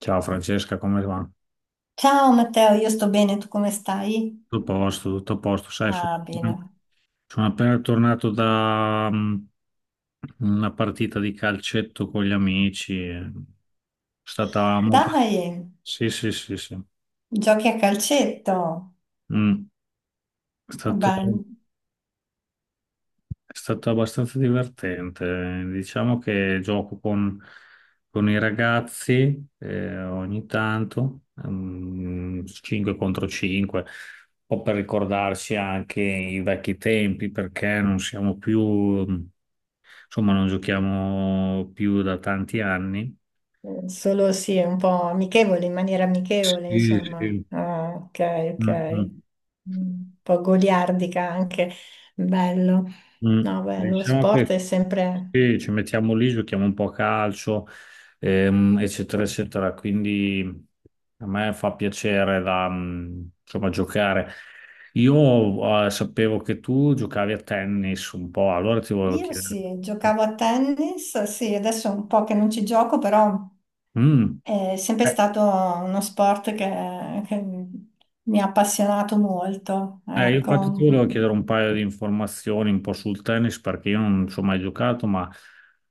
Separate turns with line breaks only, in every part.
Ciao Francesca, come va?
Ciao Matteo, io sto bene, tu come stai?
Tutto a posto, tutto a posto. Sai, sono,
Ah, bene.
sono appena tornato da una partita di calcetto con gli amici. È stata molto.
Dai,
Sì, sì, sì, sì.
giochi a calcetto.
Mm. È stato...
Beh,
È stato abbastanza divertente. Diciamo che gioco con i ragazzi ogni tanto, 5 contro 5, un po' per ricordarci anche i vecchi tempi, perché non siamo più, insomma, non giochiamo più da tanti anni.
solo sì, un po' amichevole, in maniera amichevole,
Sì,
insomma.
sì.
Ah, ok,
Mm,
ok.
mm.
Un po' goliardica anche. Bello.
Mm.
No, beh, lo
Diciamo
sport
che
è sempre.
sì, ci mettiamo lì, giochiamo un po' a calcio, eccetera, eccetera. Quindi a me fa piacere insomma, giocare. Io sapevo che tu giocavi a tennis un po', allora ti volevo
Io
chiedere.
sì, giocavo a tennis, sì, adesso è un po' che non ci gioco, però.
Mm.
È sempre stato uno sport che mi ha appassionato molto,
Io infatti ti
ecco.
volevo chiedere un paio di informazioni un po' sul tennis perché io non ci ho mai giocato, ma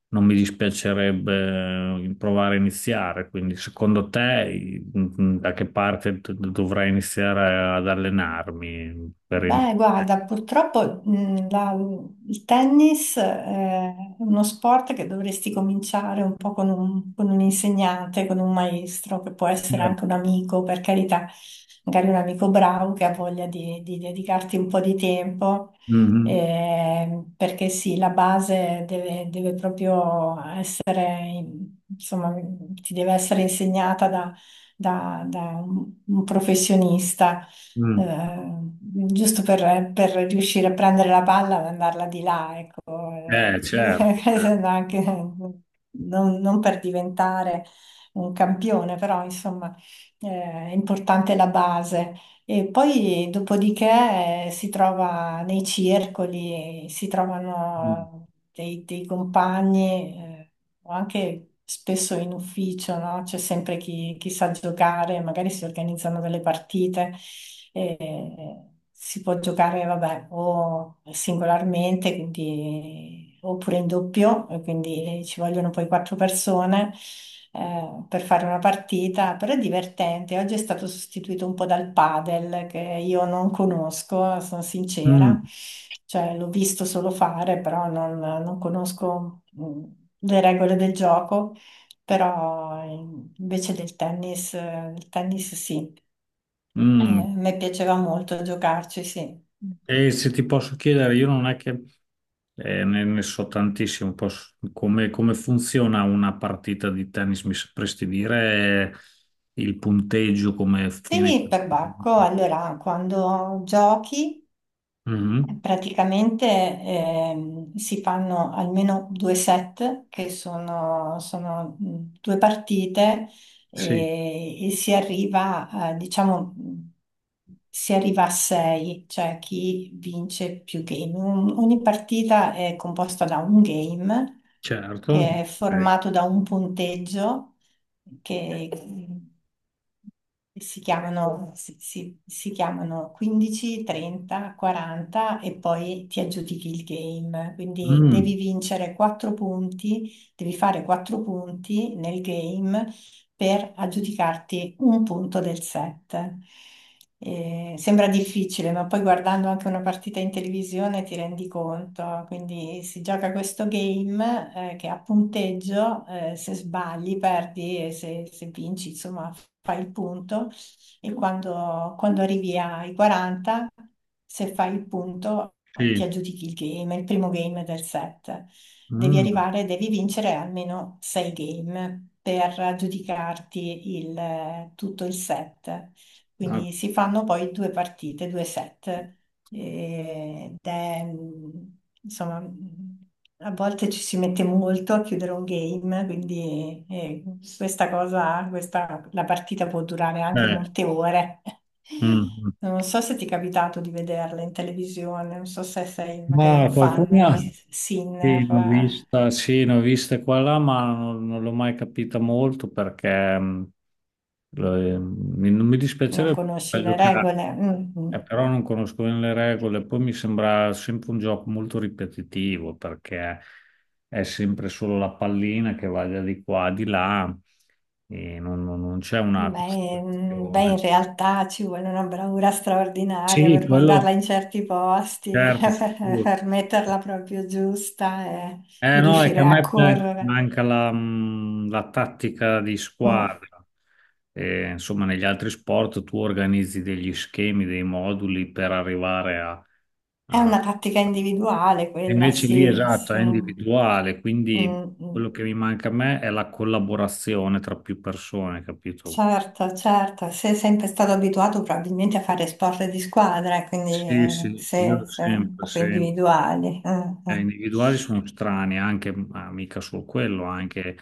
non mi dispiacerebbe provare a iniziare. Quindi, secondo te, da che parte dovrei iniziare ad allenarmi per
Beh, guarda, purtroppo, il tennis, è uno sport che dovresti cominciare un po' con con un insegnante, con un maestro, che può essere
iniziare?
anche un amico, per carità, magari un amico bravo che ha voglia di dedicarti un po' di tempo,
Mhm.
perché sì, la base deve proprio essere, insomma, ti deve essere insegnata da un professionista,
Mm.
giusto per riuscire a prendere la palla e mandarla di là, ecco,
Certo. Certo.
no, non per diventare un campione, però insomma, eh, è importante la base. E poi dopodiché, si trova nei circoli, si
Mm.
trovano dei compagni, o anche spesso in ufficio, no? C'è sempre chi sa giocare, magari si organizzano delle partite. Si può giocare, vabbè, o singolarmente, quindi, oppure in doppio, e quindi ci vogliono poi quattro persone, per fare una partita, però è divertente. Oggi è stato sostituito un po' dal padel, che io non conosco, sono sincera,
Mm.
cioè l'ho visto solo fare, però non conosco, le regole del gioco, però, invece del tennis, il tennis sì.
Mm.
Mi piaceva molto giocarci, sì.
E se ti posso chiedere, io non è che ne so tantissimo, come funziona una partita di tennis? Mi sapresti dire il punteggio, come viene?
Quindi perbacco, allora, quando giochi
Mhm.
praticamente, si fanno almeno due set, che sono due partite,
Sì,
e diciamo, si arriva a 6, cioè chi vince più game. Ogni partita è composta da un game,
certo.
che è
Ok.
formato da un punteggio, che si chiamano 15, 30, 40 e poi ti aggiudichi il game. Quindi
Mm,
devi vincere 4 punti, devi fare 4 punti nel game per aggiudicarti un punto del set. Sembra difficile, ma poi guardando anche una partita in televisione ti rendi conto. Quindi si gioca questo game, che a punteggio, se sbagli perdi e se vinci, insomma, fai il punto. E quando arrivi ai 40, se fai il punto, ti
sì.
aggiudichi il game, il primo game del set. devi
Mm,
arrivare, devi vincere almeno sei game per giudicarti, tutto il set.
ok.
Quindi si fanno poi due partite, due set. Ed è, insomma, a volte ci si mette molto a chiudere un game, quindi, la partita può durare anche molte ore.
Mm.
Non so se ti è capitato di vederla in televisione, non so se sei magari un
Ma
fan
qualcuna
di
sì,
Sinner,
ne ho vista, sì, ne ho viste qua e là, ma non, non l'ho mai capita molto. Non mi
non
dispiacerebbe
conosci le
giocare,
regole. Mm, mm.
però non conosco bene le regole. Poi mi sembra sempre un gioco molto ripetitivo perché è sempre solo la pallina che va di qua, di là e non c'è una
Beh, in
costruzione.
realtà ci vuole una bravura straordinaria
Sì,
per mandarla
quello
in certi posti,
certo,
per
sicuro.
per metterla proprio giusta e
Eh
per
no, è che a
riuscire a
me
correre.
manca la tattica di
Mm,
squadra. E, insomma, negli altri sport tu organizzi degli schemi, dei moduli per arrivare
È
a-
una tattica individuale
e
quella,
invece lì,
sì,
esatto,
sì.
è
Mm,
individuale, quindi
mm.
quello che mi manca a me è la collaborazione tra più persone, capito?
Certo, certo. Sei sempre stato abituato probabilmente a fare sport di squadra, quindi,
Sì, sì,
se,
io
se
sempre,
proprio
sempre.
individuali. Mm, mm.
Individuali sono strani, anche, ma mica solo quello, anche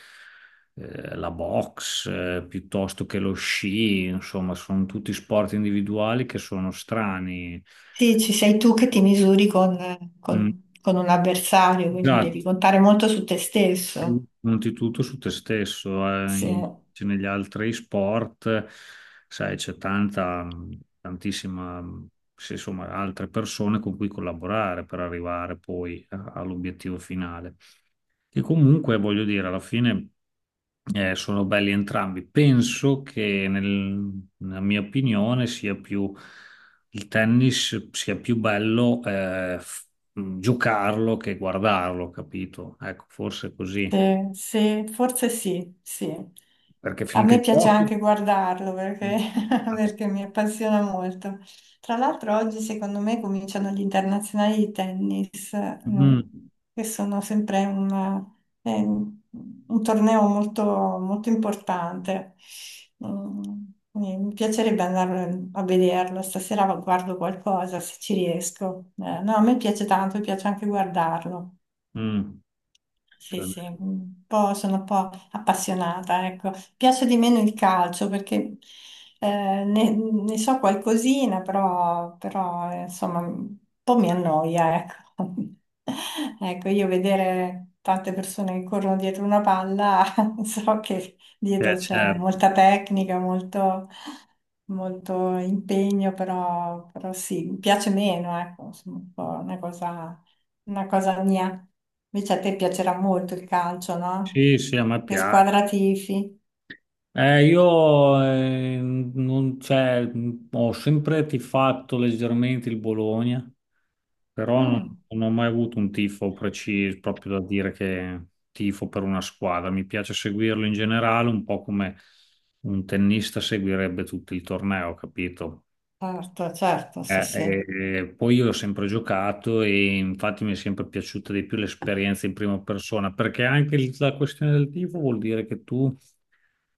la box, piuttosto che lo sci, insomma, sono tutti sport individuali che sono strani.
Sì, ci sei tu che ti misuri con,
Mm,
con- con un avversario, quindi devi
esatto,
contare molto su te stesso.
conti tutto su te stesso,
Sì.
cioè, negli altri sport, sai, c'è tanta, tantissima, sì, insomma, altre persone con cui collaborare per arrivare poi all'obiettivo finale. Che comunque voglio dire, alla fine sono belli entrambi. Penso che nella mia opinione sia più il tennis sia più bello giocarlo che guardarlo, capito? Ecco, forse è così,
Sì, sì, forse sì, sì.
perché
A me
finché
piace
giochi.
anche guardarlo perché,
Mm,
perché mi appassiona molto. Tra l'altro oggi secondo me cominciano gli internazionali di tennis, mm,
mm.
che sono sempre eh, un torneo molto, molto importante. Mm, quindi mi piacerebbe andare a vederlo, stasera guardo qualcosa se ci riesco. No, a me piace tanto, mi piace anche guardarlo.
mm,
Sì,
cioè,
sì, un po', sono un po' appassionata, ecco. Piace di meno il calcio, perché, ne so qualcosina, però, insomma, un po' mi annoia, ecco. Ecco, io vedere tante persone che corrono dietro una palla, so che
eh,
dietro c'è
certo.
molta tecnica, molto, molto impegno, però sì, mi piace meno, ecco, insomma, un po' una cosa mia. Invece a te piacerà molto il calcio, no?
Sì, sì, a me
Che
piace.
squadra tifi?
Io non, cioè, ho sempre tifato leggermente il Bologna, però non,
Mm.
non ho mai avuto un tifo preciso, proprio da dire che tifo per una squadra. Mi piace seguirlo in generale, un po' come un tennista seguirebbe tutto il torneo, capito?
Certo, certo, sì, sì.
Eh, Poi io ho sempre giocato e infatti mi è sempre piaciuta di più l'esperienza in prima persona, perché anche la questione del tifo vuol dire che tu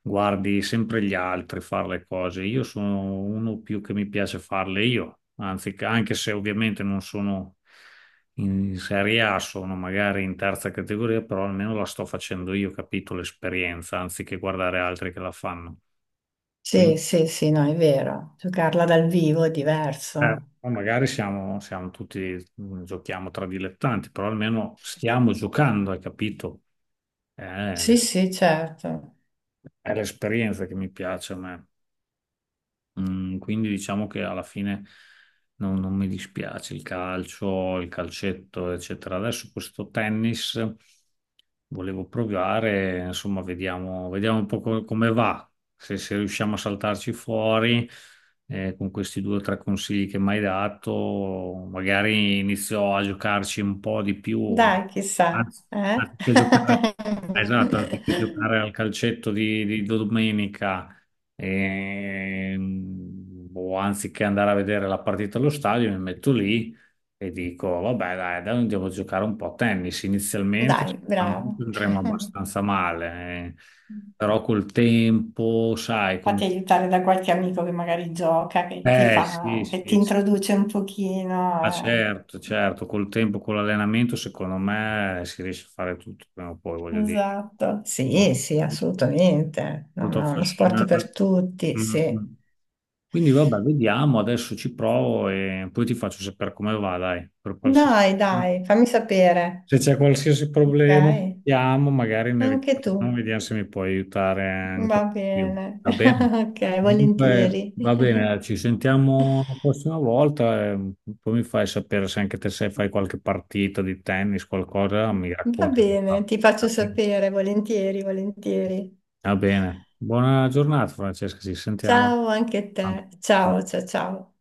guardi sempre gli altri fare le cose. Io sono uno più che mi piace farle io, anzi, anche se ovviamente non sono in Serie A, sono magari in terza categoria, però almeno la sto facendo io, capito l'esperienza, anziché guardare altri che la fanno. Quindi,
Sì, sì, sì, no, è vero. Giocarla dal vivo è diverso.
poi magari siamo, tutti, giochiamo tra dilettanti, però almeno stiamo giocando, hai capito? Eh,
Sì,
l'es-
sì, certo.
è l'esperienza che mi piace a me. Mm, quindi diciamo che alla fine non mi dispiace il calcio, il calcetto, eccetera. Adesso questo tennis volevo provare, insomma, vediamo, vediamo un po' come va, se riusciamo a saltarci fuori con questi due o tre consigli che mi hai dato, magari inizio a giocarci un po' di più, eh.
Dai, chissà,
Anzi,
eh?
anziché giocare, esatto, anziché giocare al calcetto di domenica e, o anziché andare a vedere la partita allo stadio, mi metto lì e dico, vabbè, dai, dai, andiamo a giocare un po' a tennis. Inizialmente
Dai,
sicuramente
bravo.
andremo abbastanza male, eh, però col tempo, sai,
Fatti
con.
aiutare da qualche amico che magari gioca, che ti
Eh sì,
fa, che ti
sì, sì.
introduce un
Ah,
pochino.
certo,
eh.
certo, col tempo, con l'allenamento, secondo me si riesce a fare tutto prima o poi, voglio dire.
Esatto, sì, sì, assolutamente. No,
Molto
no, uno sport
affascinante.
per tutti,
Mm,
sì.
mm. Quindi vabbè, vediamo, adesso ci provo e poi ti faccio sapere come va, dai, per qualsiasi.
Dai, dai, fammi sapere.
Se c'è qualsiasi
Ok,
problema, vediamo, magari ne
anche
riparliamo,
tu.
vediamo se mi puoi aiutare ancora
Va
di più.
bene.
Va bene?
Ok,
Comunque,
volentieri.
va bene, ci sentiamo la prossima volta e poi mi fai sapere se anche te se fai qualche partita di tennis, qualcosa, mi
Va
racconti. Come
bene,
fa.
ti faccio sapere, volentieri, volentieri.
Va bene. Buona giornata, Francesca, ci sentiamo.
Ciao anche a te. Ciao,
Ciao.
ciao, ciao.